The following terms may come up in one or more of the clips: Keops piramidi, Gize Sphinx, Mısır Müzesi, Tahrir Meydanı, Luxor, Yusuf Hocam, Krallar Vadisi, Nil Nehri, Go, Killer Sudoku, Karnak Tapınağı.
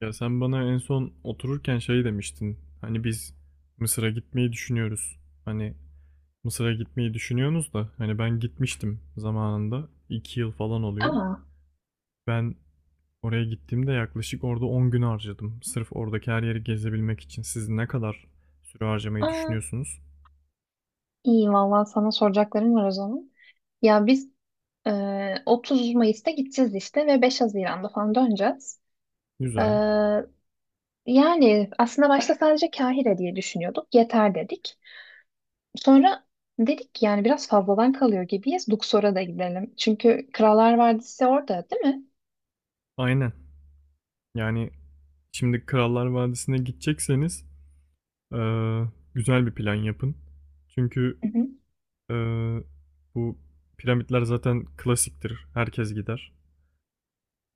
Ya sen bana en son otururken şey demiştin. Hani biz Mısır'a gitmeyi düşünüyoruz. Hani Mısır'a gitmeyi düşünüyorsunuz da hani ben gitmiştim zamanında. 2 yıl falan oluyor. Aa, Ben oraya gittiğimde yaklaşık orada 10 gün harcadım. Sırf oradaki her yeri gezebilmek için. Siz ne kadar süre harcamayı aa, düşünüyorsunuz? iyi Vallahi sana soracaklarım var o zaman. Ya biz e, 30 Mayıs'ta gideceğiz işte ve 5 Haziran'da falan döneceğiz. E, Güzel. Yani aslında başta sadece Kahire diye düşünüyorduk. Yeter dedik. Sonra dedik yani biraz fazladan kalıyor gibiyiz. Luxor'a da gidelim. Çünkü Krallar Vadisi orada değil mi? Aynen. Yani şimdi Krallar Vadisi'ne gidecekseniz eee, güzel bir plan yapın. Çünkü Hı hı. Ee, bu piramitler zaten klasiktir. Herkes gider.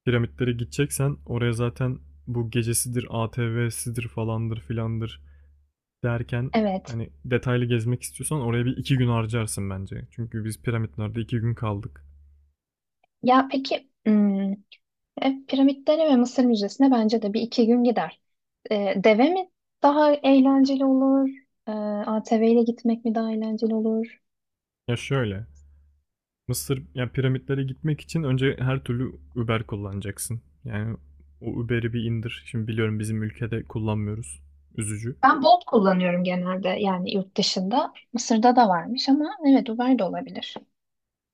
Piramitlere gideceksen oraya zaten bu gecesidir, ATV'sidir falandır filandır derken Evet. hani detaylı gezmek istiyorsan oraya 1 2 gün harcarsın bence. Çünkü biz piramitlerde 2 gün kaldık. Ya peki, piramitlerine ve Mısır Müzesi'ne bence de bir iki gün gider. Deve mi daha eğlenceli olur? E, ATV ile gitmek mi daha eğlenceli olur? Ya şöyle. Mısır ya piramitlere gitmek için önce her türlü Uber kullanacaksın. Yani o Uber'i bir indir. Şimdi biliyorum bizim ülkede kullanmıyoruz. Üzücü. Ben Bolt kullanıyorum genelde yani yurt dışında. Mısır'da da varmış ama evet, Uber de olabilir.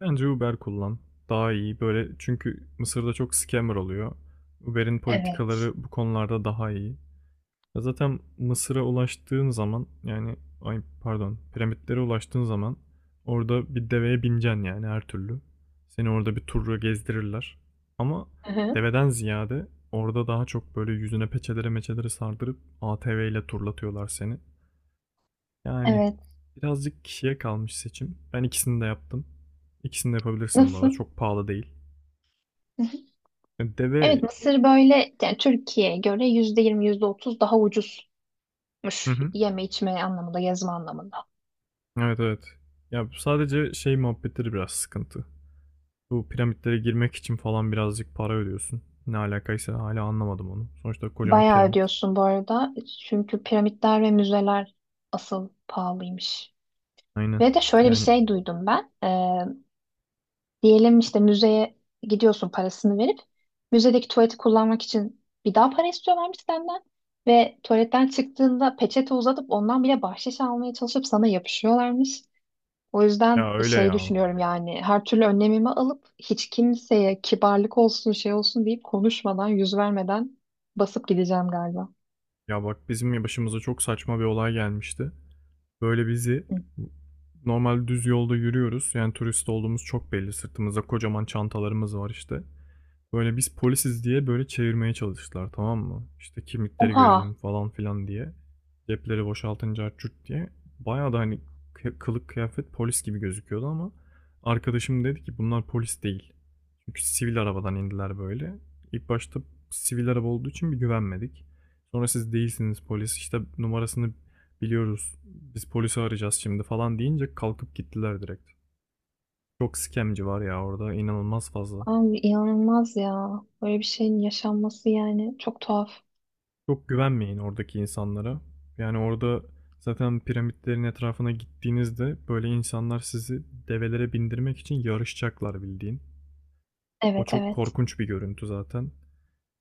Bence Uber kullan. Daha iyi böyle çünkü Mısır'da çok scammer oluyor. Uber'in Evet. politikaları bu konularda daha iyi. Ya zaten Mısır'a ulaştığın zaman yani ay pardon piramitlere ulaştığın zaman orada bir deveye bineceksin yani her türlü. Seni orada bir turla gezdirirler. Ama Hı-hı. deveden ziyade orada daha çok böyle yüzüne peçelere meçelere sardırıp ATV ile turlatıyorlar seni. Yani Evet. birazcık kişiye kalmış seçim. Ben ikisini de yaptım. İkisini de yapabilirsin bu arada. Nasıl? Çok pahalı değil. Hı-hı. Deve... Evet, Mısır böyle yani Türkiye'ye göre %20, yüzde otuz daha ucuzmuş, Hı hı. yeme içme anlamında, gezme anlamında. Evet evet. Ya sadece şey muhabbetleri biraz sıkıntı. Bu piramitlere girmek için falan birazcık para ödüyorsun. Ne alakaysa hala anlamadım onu. Sonuçta kocaman Bayağı piramit. ödüyorsun bu arada, çünkü piramitler ve müzeler asıl pahalıymış. Aynen. Ve de şöyle bir Yani şey duydum ben. Diyelim işte müzeye gidiyorsun, parasını verip müzedeki tuvaleti kullanmak için bir daha para istiyorlarmış senden ve tuvaletten çıktığında peçete uzatıp ondan bile bahşiş almaya çalışıp sana yapışıyorlarmış. O yüzden ya öyle şey ya. düşünüyorum yani, her türlü önlemimi alıp hiç kimseye kibarlık olsun, şey olsun deyip, konuşmadan, yüz vermeden basıp gideceğim galiba. Ya bak bizim başımıza çok saçma bir olay gelmişti. Böyle bizi Hı. normal düz yolda yürüyoruz. Yani turist olduğumuz çok belli. Sırtımızda kocaman çantalarımız var işte. Böyle biz polisiz diye böyle çevirmeye çalıştılar, tamam mı? İşte kimlikleri Oha, görelim falan filan diye. Cepleri boşaltınca açut diye. Bayağı da hani kılık kıyafet polis gibi gözüküyordu ama arkadaşım dedi ki bunlar polis değil. Çünkü sivil arabadan indiler böyle. İlk başta sivil araba olduğu için bir güvenmedik. Sonra siz değilsiniz polis, işte numarasını biliyoruz biz, polisi arayacağız şimdi falan deyince kalkıp gittiler direkt. Çok skemci var ya orada, inanılmaz fazla. abi, inanılmaz ya, böyle bir şeyin yaşanması yani çok tuhaf. Çok güvenmeyin oradaki insanlara. Yani orada zaten piramitlerin etrafına gittiğinizde böyle insanlar sizi develere bindirmek için yarışacaklar bildiğin. O Evet, çok evet. korkunç bir görüntü zaten.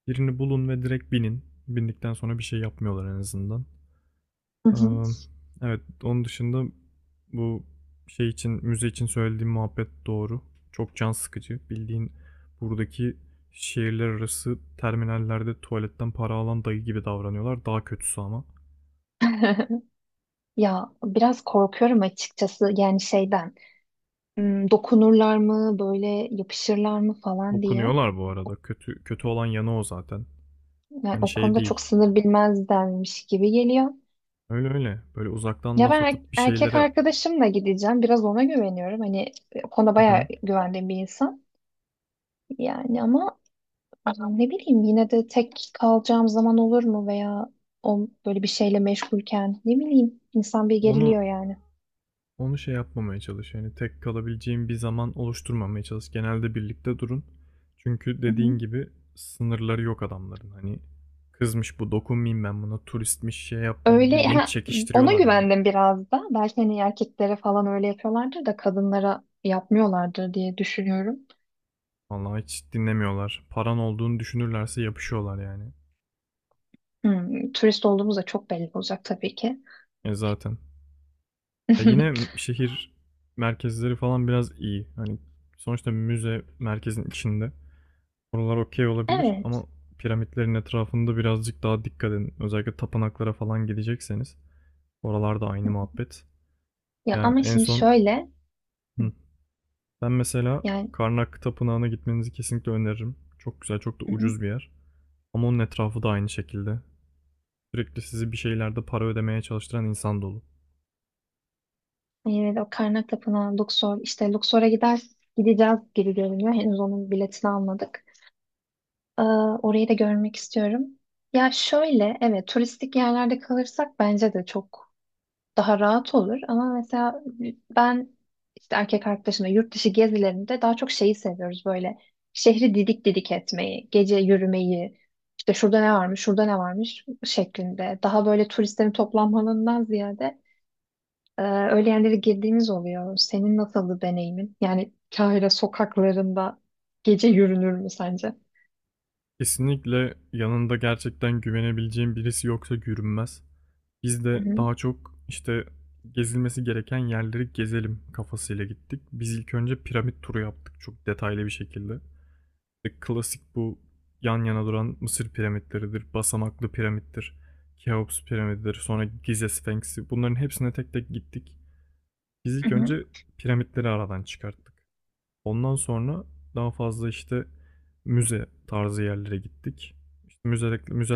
Birini bulun ve direkt binin. Bindikten sonra bir şey yapmıyorlar en azından. Hı Ee, hı. evet onun dışında bu şey için müze için söylediğim muhabbet doğru. Çok can sıkıcı. Bildiğin buradaki şehirler arası terminallerde tuvaletten para alan dayı gibi davranıyorlar. Daha kötüsü ama. Ya biraz korkuyorum açıkçası yani, şeyden, dokunurlar mı, böyle yapışırlar mı falan diye. Okunuyorlar bu arada. Kötü kötü olan yanı o zaten. Yani Hani o şey konuda çok değil. sınır bilmezlermiş gibi geliyor. Öyle öyle. Böyle uzaktan Ya laf ben atıp bir erkek şeylere. arkadaşımla gideceğim, biraz ona güveniyorum hani, o konuda Hı bayağı hı. güvendiğim bir insan. Yani ama... Hı. Ne bileyim, yine de tek kalacağım zaman olur mu veya o böyle bir şeyle meşgulken, ne bileyim, insan bir onu geriliyor yani. onu şey yapmamaya çalış. Yani tek kalabileceğim bir zaman oluşturmamaya çalış. Genelde birlikte durun. Çünkü dediğin gibi sınırları yok adamların. Hani kızmış bu dokunmayayım ben buna, turistmiş şey yapmayayım, Öyle bildiğin ha, ona çekiştiriyorlar yani. güvendim biraz da. Belki hani erkeklere falan öyle yapıyorlardır da kadınlara yapmıyorlardır diye düşünüyorum. Vallahi hiç dinlemiyorlar. Paran olduğunu düşünürlerse yapışıyorlar yani. Turist olduğumuz da çok belli olacak tabii ki. E zaten. Ya yine şehir merkezleri falan biraz iyi. Hani sonuçta müze merkezin içinde. Oralar okey olabilir ama Evet. piramitlerin etrafında birazcık daha dikkat edin. Özellikle tapınaklara falan gidecekseniz. Oralarda aynı muhabbet. Ya Yani ama en şimdi son şöyle, hı, hı, ben mesela yani, Karnak Tapınağı'na gitmenizi kesinlikle öneririm. Çok güzel, çok da hı hı. ucuz bir yer. Ama onun etrafı da aynı şekilde. Sürekli sizi bir şeylerde para ödemeye çalıştıran insan dolu. Yine de o Karnak Tapınağı, Luxor, işte Luxor'a gideceğiz gibi görünüyor. Henüz onun biletini almadık. Ee, Orayı da görmek istiyorum. Ya şöyle, evet, turistik yerlerde kalırsak bence de çok daha rahat olur ama mesela ben işte erkek arkadaşımla yurt dışı gezilerinde daha çok şeyi seviyoruz: böyle şehri didik didik etmeyi, gece yürümeyi, işte şurada ne varmış, şurada ne varmış şeklinde. Daha böyle turistlerin toplanmalarından ziyade öyle yerlere girdiğimiz oluyor. Senin nasıldı deneyimin? Yani Kahire sokaklarında gece yürünür mü sence? Kesinlikle yanında gerçekten güvenebileceğin birisi yoksa yürünmez. Biz Hı de hı. daha çok işte gezilmesi gereken yerleri gezelim kafasıyla gittik. Biz ilk önce piramit turu yaptık çok detaylı bir şekilde. İşte klasik bu yan yana duran Mısır piramitleridir, basamaklı piramittir, Keops piramididir, sonra Gize Sphinx'i. Bunların hepsine tek tek gittik. Biz Hı ilk hı. önce piramitleri aradan çıkarttık. Ondan sonra daha fazla işte müze tarzı yerlere gittik. İşte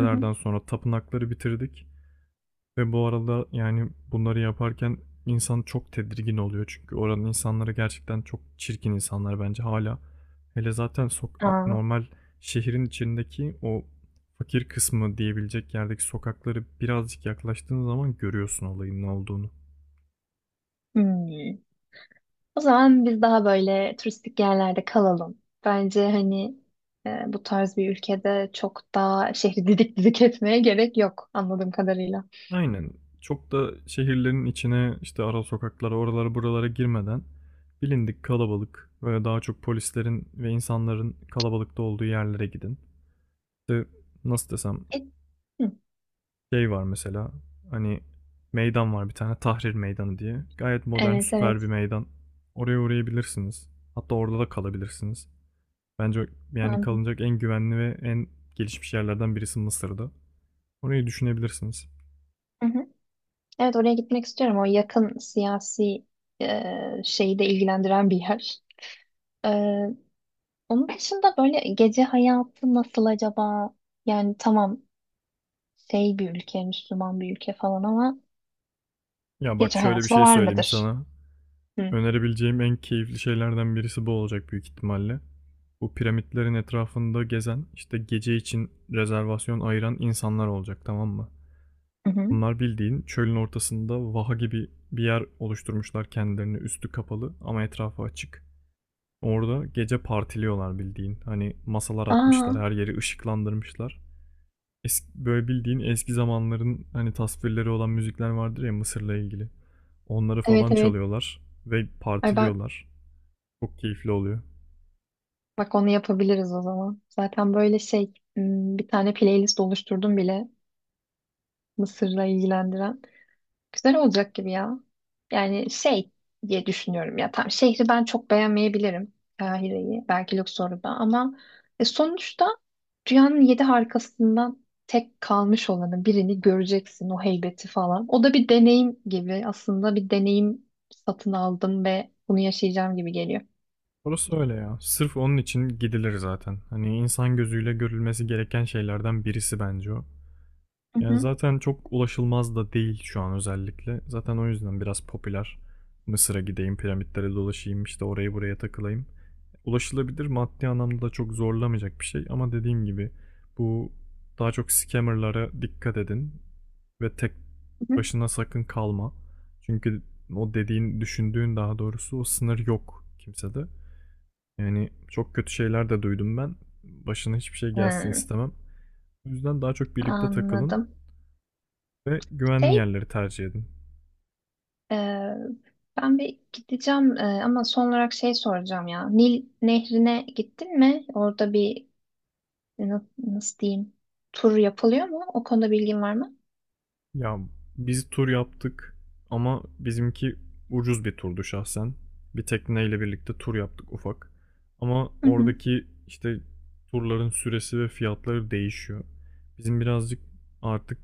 Hı hı. sonra tapınakları bitirdik. Ve bu arada yani bunları yaparken insan çok tedirgin oluyor. Çünkü oranın insanları gerçekten çok çirkin insanlar bence hala. Hele zaten sok Aa, normal şehrin içindeki o fakir kısmı diyebilecek yerdeki sokakları birazcık yaklaştığın zaman görüyorsun olayın ne olduğunu. hmm. O zaman biz daha böyle turistik yerlerde kalalım. Bence hani, bu tarz bir ülkede çok daha şehri didik didik etmeye gerek yok anladığım kadarıyla. Aynen. Çok da şehirlerin içine işte ara sokaklara oralara buralara girmeden bilindik kalabalık böyle daha çok polislerin ve insanların kalabalıkta olduğu yerlere gidin. İşte nasıl desem. E, hı, Şey var mesela, hani meydan var bir tane, Tahrir Meydanı diye. Gayet modern evet, süper bir evet. meydan. Oraya uğrayabilirsiniz. Hatta orada da kalabilirsiniz. Bence yani Anladım. kalınacak en güvenli ve en gelişmiş yerlerden birisi Mısır'da. Orayı düşünebilirsiniz. Hı hı. Evet, oraya gitmek istiyorum. O yakın siyasi şeyi de ilgilendiren bir yer. E, Onun dışında böyle gece hayatı nasıl acaba? Yani tamam, şey bir ülke, Müslüman bir ülke falan ama Ya bak gece şöyle bir hayatı da şey var söyleyeyim mıdır? sana. Hı Önerebileceğim en keyifli şeylerden birisi bu olacak büyük ihtimalle. Bu piramitlerin etrafında gezen işte gece için rezervasyon ayıran insanlar olacak, tamam mı? hı. Hı. Bunlar bildiğin çölün ortasında vaha gibi bir yer oluşturmuşlar kendilerini, üstü kapalı ama etrafı açık. Orada gece partiliyorlar bildiğin. Hani masalar Aa, atmışlar, her yeri ışıklandırmışlar. Eski, böyle bildiğin eski zamanların hani tasvirleri olan müzikler vardır ya Mısır'la ilgili. Onları evet, falan evet. çalıyorlar ve Ay bak, partiliyorlar. Çok keyifli oluyor. bak, onu yapabiliriz o zaman. Zaten böyle şey, bir tane playlist oluşturdum bile Mısır'la ilgilendiren. Güzel olacak gibi ya. Yani şey diye düşünüyorum ya, tam şehri ben çok beğenmeyebilirim. Kahire'yi, belki Luxor'u da ama sonuçta dünyanın yedi harikasından tek kalmış olanı birini göreceksin, o heybeti falan. O da bir deneyim gibi, aslında bir deneyim satın aldım ve bunu yaşayacağım gibi geliyor. Orası öyle ya. Sırf onun için gidilir zaten. Hani insan gözüyle görülmesi gereken şeylerden birisi bence o. Hı Yani, hı. zaten çok ulaşılmaz da değil şu an özellikle. Zaten o yüzden biraz popüler. Mısır'a gideyim, piramitlere dolaşayım, işte orayı buraya takılayım. Ulaşılabilir, maddi anlamda da çok zorlamayacak bir şey ama dediğim gibi bu daha çok scammer'lara dikkat edin ve tek Hı hı. başına sakın kalma. Çünkü o dediğin, düşündüğün daha doğrusu, o sınır yok kimsede. Yani çok kötü şeyler de duydum ben. Başına hiçbir şey gelsin Hı, istemem. O yüzden daha çok birlikte takılın. anladım. Ve güvenli Şey, yerleri tercih edin. e, ben bir gideceğim ama son olarak şey soracağım ya. Nil Nehri'ne gittin mi? Orada bir nasıl diyeyim, tur yapılıyor mu? O konuda bilgin var mı? Ya biz tur yaptık ama bizimki ucuz bir turdu şahsen. Bir tekneyle birlikte tur yaptık ufak. Ama Hı hı. oradaki işte turların süresi ve fiyatları değişiyor. Bizim birazcık artık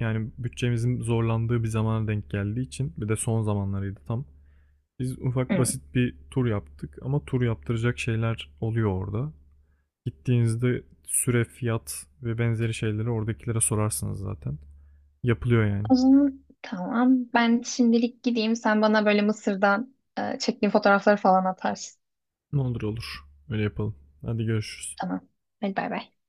yani bütçemizin zorlandığı bir zamana denk geldiği için, bir de son zamanlarıydı tam. Biz ufak Hı. basit bir tur yaptık ama tur yaptıracak şeyler oluyor orada. Gittiğinizde süre, fiyat ve benzeri şeyleri oradakilere sorarsınız zaten. Yapılıyor yani. O zaman tamam. Ben şimdilik gideyim. Sen bana böyle Mısır'dan çektiğin fotoğrafları falan atarsın. Ne olur olur. Öyle yapalım. Hadi görüşürüz. Tamam. Hadi bay bay.